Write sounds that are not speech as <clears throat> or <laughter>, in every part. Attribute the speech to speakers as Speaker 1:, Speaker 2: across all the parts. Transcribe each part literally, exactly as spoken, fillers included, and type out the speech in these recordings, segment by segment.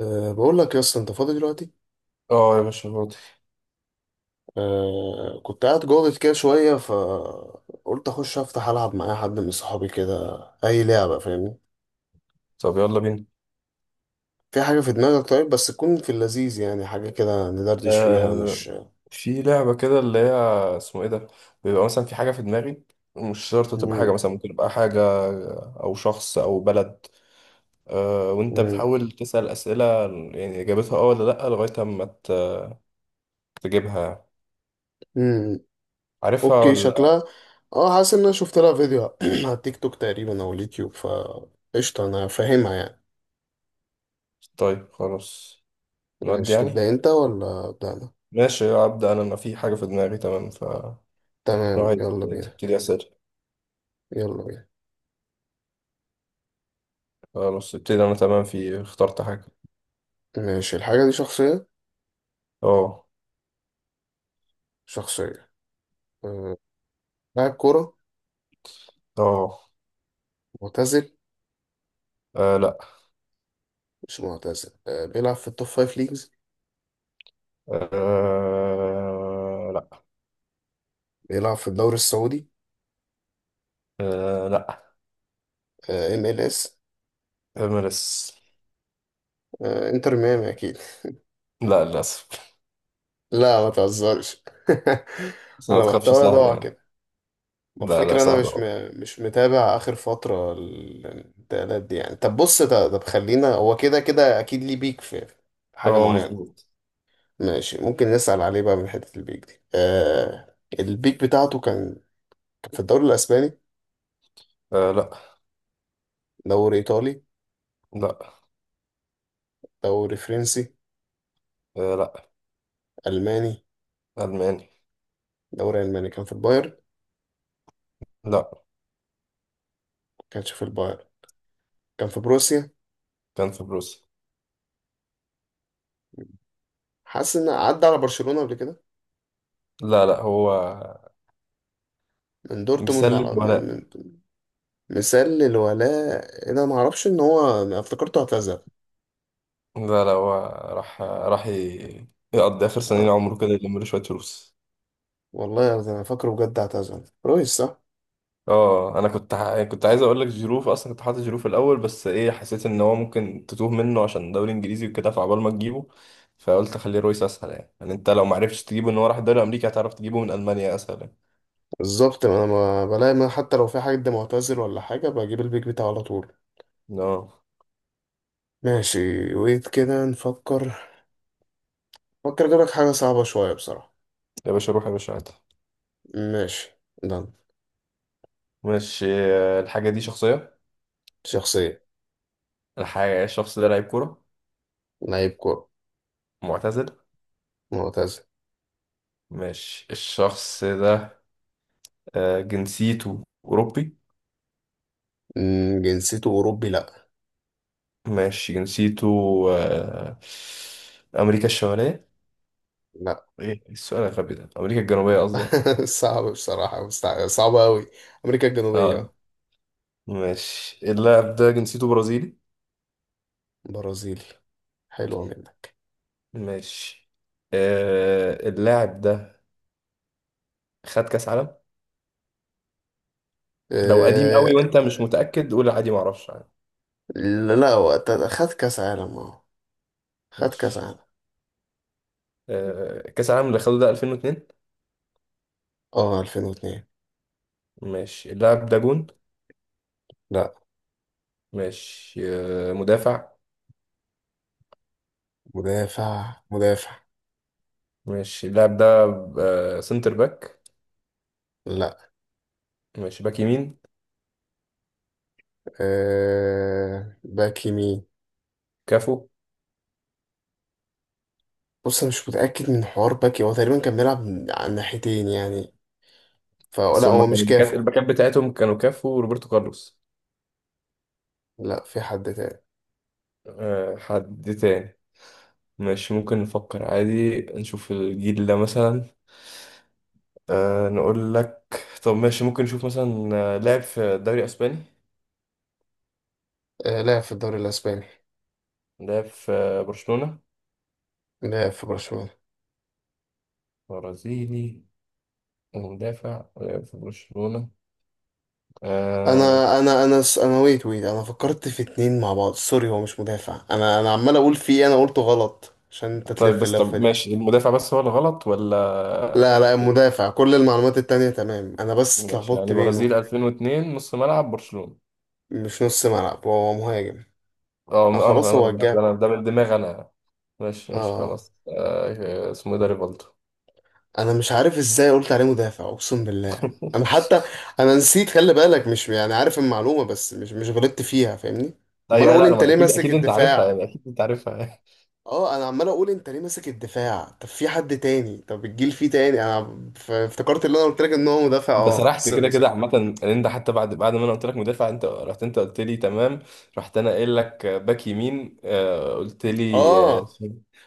Speaker 1: أه بقول لك يا اسطى انت فاضي دلوقتي.
Speaker 2: اه يا باشا فاضي.
Speaker 1: أه كنت قاعد جوه كده شويه، فقلت اخش افتح العب مع أي حد من صحابي كده، اي لعبه فاهمني.
Speaker 2: طب يلا بينا.
Speaker 1: في حاجه في دماغك طيب، بس تكون في اللذيذ يعني، حاجه كده ندردش فيها
Speaker 2: آه،
Speaker 1: مش.
Speaker 2: في لعبة كده اللي هي اسمه ايه ده، بيبقى مثلا في حاجة في دماغي، مش شرط تبقى
Speaker 1: مم.
Speaker 2: حاجة، مثلا ممكن تبقى حاجة أو شخص أو بلد. آه، وأنت
Speaker 1: مم.
Speaker 2: بتحاول تسأل أسئلة يعني إجابتها اه ولا لأ، لغاية أما ت- تجيبها،
Speaker 1: مم.
Speaker 2: عارفها
Speaker 1: اوكي
Speaker 2: ولا.
Speaker 1: شكلها. اه حاسس ان انا شفت لها فيديو <clears throat> على التيك توك تقريبا او اليوتيوب ف قشطه انا فاهمها يعني.
Speaker 2: طيب خلاص، نودي
Speaker 1: ماشي تبدا
Speaker 2: يعني.
Speaker 1: انت ولا ابدا انا؟
Speaker 2: ماشي، أبدأ أنا. أنا في حاجة في دماغي، تمام. ف لو
Speaker 1: تمام
Speaker 2: عايز
Speaker 1: يلا بينا.
Speaker 2: تبتدي أسئلة.
Speaker 1: يلا بينا.
Speaker 2: خلاص ابتدي. أنا تمام، في اخترت حاجة.
Speaker 1: ماشي الحاجه دي شخصيه.
Speaker 2: اه.
Speaker 1: شخصيه. آه، لاعب كورة
Speaker 2: اه.
Speaker 1: معتزل.
Speaker 2: آه، لا.
Speaker 1: مش معتزل، آه، بيلعب في التوب فايف ليجز.
Speaker 2: أه لا.
Speaker 1: بيلعب في الدوري السعودي.
Speaker 2: أه لا.
Speaker 1: ام ال اس.
Speaker 2: إمارس.
Speaker 1: انتر ميامي اكيد.
Speaker 2: لا للأسف.
Speaker 1: لا ما تهزرش. <laughs>
Speaker 2: بس ما
Speaker 1: انا
Speaker 2: تخافش،
Speaker 1: محتوى
Speaker 2: سهلة
Speaker 1: ضاع
Speaker 2: يعني.
Speaker 1: كده. ما
Speaker 2: لا لا،
Speaker 1: الفكرة انا
Speaker 2: سهلة
Speaker 1: مش م...
Speaker 2: أهو.
Speaker 1: مش متابع اخر فترة ال- الانتقالات دي يعني. طب بص، طب طب خلينا، هو كده كده اكيد ليه بيك في في حاجة
Speaker 2: أه،
Speaker 1: معينة.
Speaker 2: مظبوط.
Speaker 1: ماشي، ممكن نسأل عليه بقى من حتة البيك دي. آه... البيك بتاعته كان كان في الدوري الاسباني.
Speaker 2: أه لا.
Speaker 1: دوري ايطالي.
Speaker 2: لا.
Speaker 1: دوري فرنسي.
Speaker 2: أه لا.
Speaker 1: الماني.
Speaker 2: ألماني.
Speaker 1: دوري الماني، كان في البايرن؟ ما
Speaker 2: لا،
Speaker 1: كانش في البايرن. كان في بروسيا.
Speaker 2: كان في بروسيا.
Speaker 1: حاسس ان عدى على برشلونة قبل كده.
Speaker 2: لا لا، هو
Speaker 1: من دورتموند على
Speaker 2: بيسلم
Speaker 1: من
Speaker 2: ولا.
Speaker 1: من مثال للولاء. انا ما اعرفش ان هو، أنا افتكرته اعتزل.
Speaker 2: لا لا، هو راح، راح ي- يقضي آخر سنين
Speaker 1: آه.
Speaker 2: عمره كده، يلم له شوية فلوس.
Speaker 1: والله يا أرض، انا فاكره بجد اعتزل رويس صح.
Speaker 2: اه، انا كنت ح... يعني كنت عايز اقول لك جيرو، اصلا كنت حاطط جيرو في الاول، بس ايه، حسيت ان هو ممكن تتوه منه عشان دوري انجليزي وكده، فعبال ما تجيبه، فقلت خليه رويس اسهل يعني. يعني انت لو ما عرفتش تجيبه ان هو راح الدوري الامريكي، هتعرف تجيبه من المانيا اسهل يعني.
Speaker 1: بالظبط، انا ما بلاقي، ما حتى لو في حد معتزل ولا حاجة بجيب البيك بتاعه على طول.
Speaker 2: اه
Speaker 1: ماشي ويت كده نفكر. فكر اجيب لك حاجة صعبة شوية بصراحة.
Speaker 2: يا باشا، روح يا باشا عادي.
Speaker 1: ماشي. ده
Speaker 2: ماشي، آه، الحاجه دي شخصيه.
Speaker 1: شخصية.
Speaker 2: الحاجه الشخص ده لعيب كوره
Speaker 1: لعيب كورة.
Speaker 2: معتزل.
Speaker 1: معتزل.
Speaker 2: ماشي، الشخص ده آه، جنسيته اوروبي.
Speaker 1: مم، جنسيته أوروبي لأ.
Speaker 2: ماشي، جنسيته آه، امريكا الشماليه.
Speaker 1: لا.
Speaker 2: ايه السؤال الغبي ده، امريكا الجنوبيه قصدي يعني.
Speaker 1: <laughs> صعب بصراحة مستع- صعبة أوي. أمريكا الجنوبية أهو.
Speaker 2: اه. ماشي، اللاعب ده جنسيته برازيلي.
Speaker 1: برازيل. حلوة جدا.
Speaker 2: ماشي، آه، اللاعب ده خد كاس عالم. لو قديم قوي
Speaker 1: أه...
Speaker 2: وانت مش متأكد قول عادي معرفش يعني.
Speaker 1: لا وقت خد كأس عالم أهو. خد كأس
Speaker 2: ماشي،
Speaker 1: عالم.
Speaker 2: آه، كاس العالم اللي خده ده ألفين واتنين.
Speaker 1: أه ألفين واتنين.
Speaker 2: ماشي، اللاعب ده جون.
Speaker 1: لا.
Speaker 2: ماشي، آه، مدافع.
Speaker 1: مدافع مدافع.
Speaker 2: ماشي، اللاعب ده آه، سنتر باك.
Speaker 1: لا.
Speaker 2: ماشي، باك يمين.
Speaker 1: أه... باك يمين.
Speaker 2: كافو.
Speaker 1: بص أنا مش متأكد من حوار باك، هو تقريبا كان بيلعب على الناحيتين يعني،
Speaker 2: بس
Speaker 1: فلا
Speaker 2: هما
Speaker 1: هو مش
Speaker 2: كانوا الباكات،
Speaker 1: كافو.
Speaker 2: الباكات بتاعتهم كانوا كافو وروبرتو كارلوس.
Speaker 1: لا في حد تاني.
Speaker 2: آه، حد تاني. ماشي، ممكن نفكر عادي، نشوف الجيل ده مثلا. أه نقول لك. طب ماشي، ممكن نشوف مثلا آه، لاعب في الدوري الاسباني.
Speaker 1: أه... لا في الدوري الأسباني.
Speaker 2: لاعب في آه، برشلونة.
Speaker 1: لا في برشلونة.
Speaker 2: برازيلي ومدافع لاعب في برشلونة. أه.
Speaker 1: انا انا انا س- انا ويت ويت انا فكرت في اتنين مع بعض، سوري، هو مش مدافع. انا انا عمال اقول في ايه، انا قلته غلط عشان انت
Speaker 2: طيب
Speaker 1: تلف
Speaker 2: بس،
Speaker 1: اللفه
Speaker 2: طب
Speaker 1: دي.
Speaker 2: ماشي، المدافع بس هو اللي غلط ولا
Speaker 1: لا لا،
Speaker 2: آه،.
Speaker 1: مدافع، كل المعلومات التانية تمام، انا بس
Speaker 2: ماشي،
Speaker 1: اتلخبطت
Speaker 2: يعني برازيل
Speaker 1: بينه.
Speaker 2: ألفين و اثنين نص ملعب برشلونة.
Speaker 1: مش نص ملعب، هو مهاجم.
Speaker 2: اه،
Speaker 1: اه
Speaker 2: انا
Speaker 1: خلاص
Speaker 2: انا انا
Speaker 1: هو
Speaker 2: ده
Speaker 1: الجاب.
Speaker 2: أنا- ده من دماغي انا. ماشي ماشي،
Speaker 1: اه
Speaker 2: خلاص. أه، اسمه إيه ده، ريفالدو.
Speaker 1: انا مش عارف ازاي قلت عليه مدافع اقسم بالله. انا
Speaker 2: <laughs>
Speaker 1: حتى انا نسيت، خلي بالك مش يعني عارف المعلومه، بس مش مش غلطت فيها فاهمني. امال
Speaker 2: ايوه،
Speaker 1: اقول
Speaker 2: لا لا، ما
Speaker 1: انت
Speaker 2: أنا
Speaker 1: ليه
Speaker 2: اكيد،
Speaker 1: ماسك
Speaker 2: اكيد انت عارفها
Speaker 1: الدفاع.
Speaker 2: يعني، اكيد انت عارفها.
Speaker 1: اه انا عمال اقول انت ليه ماسك الدفاع. طب في حد تاني، طب الجيل فيه تاني، انا ف- افتكرت اللي انا قلت لك ان هو مدافع.
Speaker 2: انت
Speaker 1: اه
Speaker 2: سرحت كده
Speaker 1: سوري سوري.
Speaker 2: كده عامه، ان انت حتى بعد بعد ما انا قلت لك مدافع انت رحت، انت قلت لي تمام. رحت انا قايل لك باك يمين، آه، قلت لي. آه،
Speaker 1: اه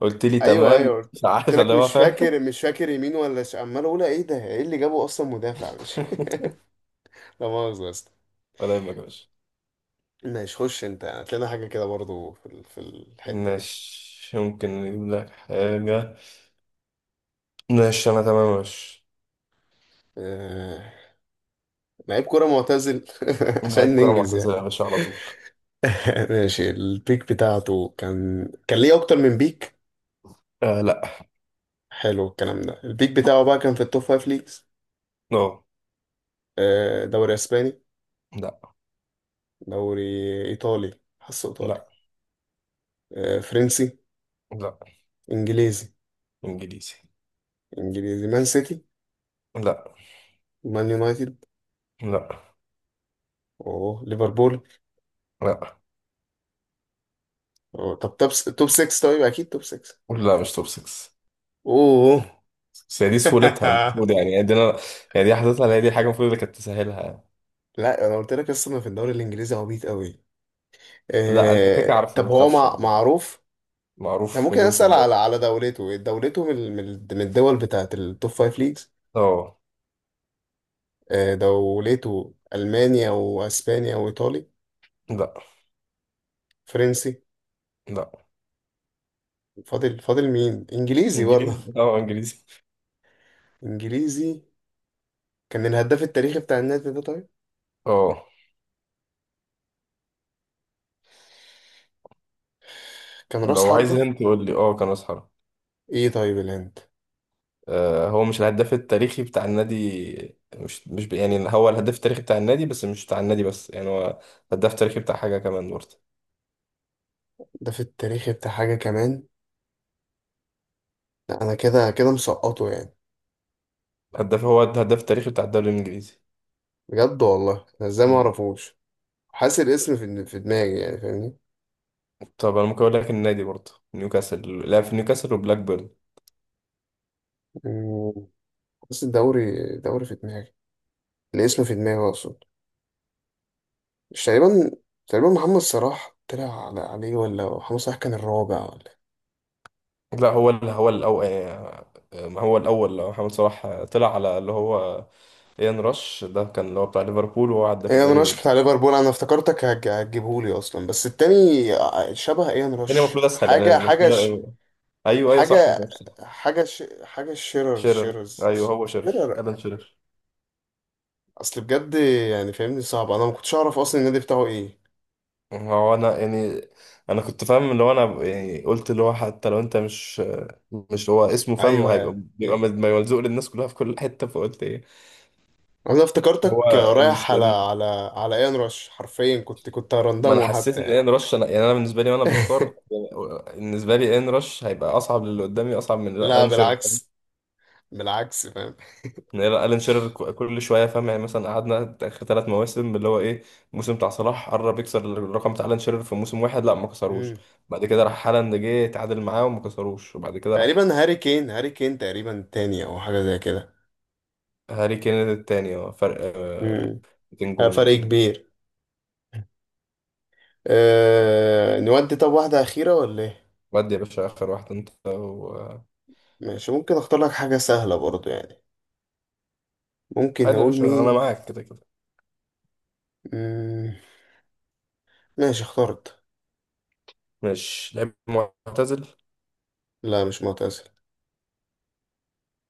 Speaker 2: قلت لي
Speaker 1: ايوه
Speaker 2: تمام،
Speaker 1: ايوه
Speaker 2: مش
Speaker 1: قلت
Speaker 2: عارف اللي
Speaker 1: لك
Speaker 2: هو
Speaker 1: مش
Speaker 2: فاهم.
Speaker 1: فاكر، مش فاكر يمين ولا ش... عمال اقول ايه ده، ايه اللي جابه اصلا مدافع مش.
Speaker 2: <laughs>
Speaker 1: <laughs> لا مؤاخذة يا اسطى.
Speaker 2: ولا يهمك يا باشا.
Speaker 1: ماشي، خش انت هتلاقينا حاجه كده برضو في ال- في الحته دي.
Speaker 2: ماشي، ممكن نجيب لك حاجه. ماشي، انا تمام يا باشا.
Speaker 1: آه... لعيب كوره معتزل. <laughs>
Speaker 2: لعيب
Speaker 1: عشان
Speaker 2: كره
Speaker 1: ننجز يعني.
Speaker 2: معتزله يا باشا على طول.
Speaker 1: <laughs> ماشي، البيك بتاعته كان كان ليه اكتر من بيك.
Speaker 2: آه لا.
Speaker 1: حلو الكلام ده. البيك بتاعه بقى كان في التوب فايف ليجز.
Speaker 2: اه
Speaker 1: آه، دوري اسباني.
Speaker 2: لا.
Speaker 1: دوري ايطالي، حاسه ايطالي.
Speaker 2: لا.
Speaker 1: آه، فرنسي.
Speaker 2: لا.
Speaker 1: انجليزي.
Speaker 2: انجليزي.
Speaker 1: انجليزي، مان سيتي.
Speaker 2: لا.
Speaker 1: مان يونايتد.
Speaker 2: لا.
Speaker 1: اوه ليفربول.
Speaker 2: لا.
Speaker 1: أوه. طب توب، توب ستة. طيب اكيد توب ستة.
Speaker 2: لا، مش توب ستة.
Speaker 1: اوه.
Speaker 2: بس هي دي
Speaker 1: <laughs>
Speaker 2: سهولتها المفروض يعني، يعني دي انا، يعني دي حضرتها اللي هي، دي الحاجه المفروض اللي كانت تسهلها يعني.
Speaker 1: لا انا قلت لك اصلا في الدوري الانجليزي عبيط قوي.
Speaker 2: لا انت كده كده
Speaker 1: آه،
Speaker 2: عارفه،
Speaker 1: طب
Speaker 2: ما
Speaker 1: هو
Speaker 2: تخافش
Speaker 1: مع...
Speaker 2: يعني.
Speaker 1: معروف. انا
Speaker 2: معروف
Speaker 1: ممكن
Speaker 2: مليون في
Speaker 1: اسال على
Speaker 2: المية.
Speaker 1: على دولته، دولته من ال- من ال- من الدول بتاعت التوب خمسة ليجز.
Speaker 2: اه.
Speaker 1: آه، دولته المانيا واسبانيا وايطالي.
Speaker 2: لا.
Speaker 1: فرنسي.
Speaker 2: لا.
Speaker 1: فاضل فاضل مين، انجليزي برضه.
Speaker 2: انجليزي اه، انجليزي.
Speaker 1: <laughs> انجليزي. كان الهداف التاريخي بتاع النادي ده طيب.
Speaker 2: اه.
Speaker 1: كان راس
Speaker 2: لو عايز
Speaker 1: حربة.
Speaker 2: انت تقول لي، اه كان اسحر.
Speaker 1: ايه طيب الهند.
Speaker 2: آه، هو مش الهداف التاريخي بتاع النادي، مش مش ب... يعني هو الهداف التاريخي بتاع النادي، بس مش بتاع النادي بس يعني، هو هداف تاريخي بتاع حاجه كمان برضه.
Speaker 1: الهداف التاريخي بتاع حاجة كمان. لا انا كده كده مسقطه يعني.
Speaker 2: هداف، هو الهداف التاريخي بتاع الدوري الانجليزي.
Speaker 1: بجد والله، انا ازاي ما
Speaker 2: مم.
Speaker 1: اعرفوش. حاسس الاسم في في دماغي يعني فاهمني.
Speaker 2: طب انا ممكن اقول لك النادي برضه، نيوكاسل، لعب في نيوكاسل وبلاك بيرن.
Speaker 1: مم، حاسس الدوري. دوري في دماغي. الاسم في دماغي اقصد. مش تقريبا، تقريبا محمد صلاح طلع على- عليه، ولا محمد صلاح كان الرابع ولا؟
Speaker 2: لا، هو ال- هو الأول. هو الأول. لو محمد صلاح آه، طلع على اللي هو إيان راش، ده كان اللي هو بتاع ليفربول وهو عدى في
Speaker 1: ايه، ان
Speaker 2: الدوري
Speaker 1: رش
Speaker 2: الإنجليزي.
Speaker 1: بتاع ليفربول؟ انا افتكرتك هج- هتجيبهولي اصلا، بس التاني ع- شبه ايه ان
Speaker 2: الدنيا
Speaker 1: رش.
Speaker 2: المفروض أسهل يعني،
Speaker 1: حاجه حاجه
Speaker 2: المفروض
Speaker 1: ش...
Speaker 2: آه،. أيوه أيوه، صح، أنت
Speaker 1: حاجه
Speaker 2: عارف صح.
Speaker 1: حاجه ش... حاجه شيرر.
Speaker 2: شيرر،
Speaker 1: شيرر
Speaker 2: أيوه
Speaker 1: ش-
Speaker 2: هو شيرر،
Speaker 1: شيرر.
Speaker 2: ألان شيرر.
Speaker 1: اصل بجد يعني فاهمني صعب، انا ما كنتش اعرف اصلا النادي بتاعه ايه.
Speaker 2: هو أنا يعني، أنا كنت فاهم اللي هو، أنا يعني قلت اللي هو، حتى لو أنت مش، مش هو اسمه فاهم،
Speaker 1: ايوه.
Speaker 2: هيبقى بيبقى
Speaker 1: إيه.
Speaker 2: ملزوق للناس كلها في كل حتة، فقلت إيه.
Speaker 1: انا
Speaker 2: هو،
Speaker 1: افتكرتك رايح على على على ايه، ان رش، حرفيا كنت كنت
Speaker 2: ما انا
Speaker 1: هرندمه
Speaker 2: حسيت
Speaker 1: حتى
Speaker 2: ان
Speaker 1: يعني.
Speaker 2: ان رش، انا يعني انا بالنسبه لي وانا بختار،
Speaker 1: <laughs>
Speaker 2: بالنسبه لي ان رش هيبقى اصعب للي قدامي، اصعب من
Speaker 1: لا
Speaker 2: الان شيرر.
Speaker 1: بالعكس. بالعكس فاهم.
Speaker 2: ان الان شيرر ك- كل شويه فاهم يعني، مثلا قعدنا اخر ثلاث مواسم اللي هو ايه، الموسم بتاع صلاح قرب يكسر الرقم بتاع الان شيرر في موسم واحد، لا ما كسروش.
Speaker 1: مم.
Speaker 2: بعد كده راح هالاند جه اتعادل معاه وما كسروش، وبعد كده راح
Speaker 1: تقريبا هاري كين، هاري كين تقريبا تاني او حاجه زي كده.
Speaker 2: هاري كين التاني اه، فرق آه،
Speaker 1: مم.
Speaker 2: مئتين
Speaker 1: آه، فرق
Speaker 2: جون.
Speaker 1: كبير. أه نودي، طب واحدة أخيرة ولا إيه؟
Speaker 2: ودي يا باشا اخر واحد انت و....
Speaker 1: ماشي، ممكن أختار لك حاجة سهلة برضو يعني. ممكن
Speaker 2: عادي يا
Speaker 1: نقول
Speaker 2: باشا، انا
Speaker 1: مين؟
Speaker 2: معاك كده كده.
Speaker 1: مم، ماشي اخترت.
Speaker 2: ماشي، لعيب معتزل.
Speaker 1: لا مش معتزل.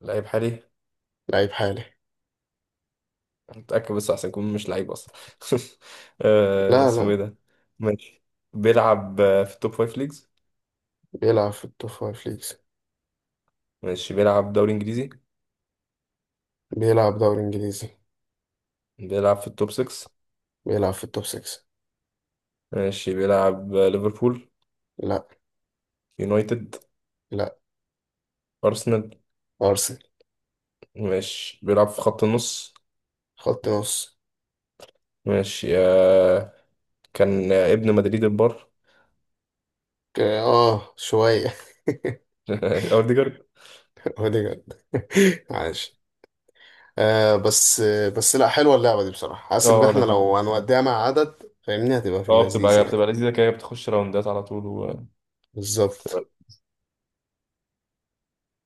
Speaker 2: لعيب حالي.
Speaker 1: لعيب حالي.
Speaker 2: متأكد، بس عشان يكون مش لعيب أصلا. <laughs> آه،
Speaker 1: لا.
Speaker 2: اسمه
Speaker 1: لا.
Speaker 2: إيه ده؟ ماشي، بيلعب آه، في التوب فايف ليجز.
Speaker 1: بيلعب في التوب فايف ليجز.
Speaker 2: ماشي، بيلعب دوري إنجليزي.
Speaker 1: بيلعب دوري إنجليزي.
Speaker 2: بيلعب في التوب ستة.
Speaker 1: بيلعب في التوب ستة.
Speaker 2: ماشي، بيلعب آه، ليفربول.
Speaker 1: لا.
Speaker 2: يونايتد.
Speaker 1: لا.
Speaker 2: أرسنال.
Speaker 1: أرسنال.
Speaker 2: ماشي، بيلعب في خط النص.
Speaker 1: خط نص.
Speaker 2: ماشي، آه، كان آه، ابن مدريد البار.
Speaker 1: ك- آه شوية.
Speaker 2: <laughs> أوديجارد.
Speaker 1: <laughs> أوديجارد. <laughs> عاش. آه بس. بس لا، حلوة اللعبة دي بصراحة، حاسس إن
Speaker 2: اه
Speaker 1: إحنا لو
Speaker 2: لذيذ.
Speaker 1: هنوديها مع عدد فاهمني هتبقى في
Speaker 2: اه،
Speaker 1: اللذيذ
Speaker 2: بتبقى
Speaker 1: يعني.
Speaker 2: بتبقى لذيذة كده، بتخش راوندات على طول وبتبقى
Speaker 1: بالظبط.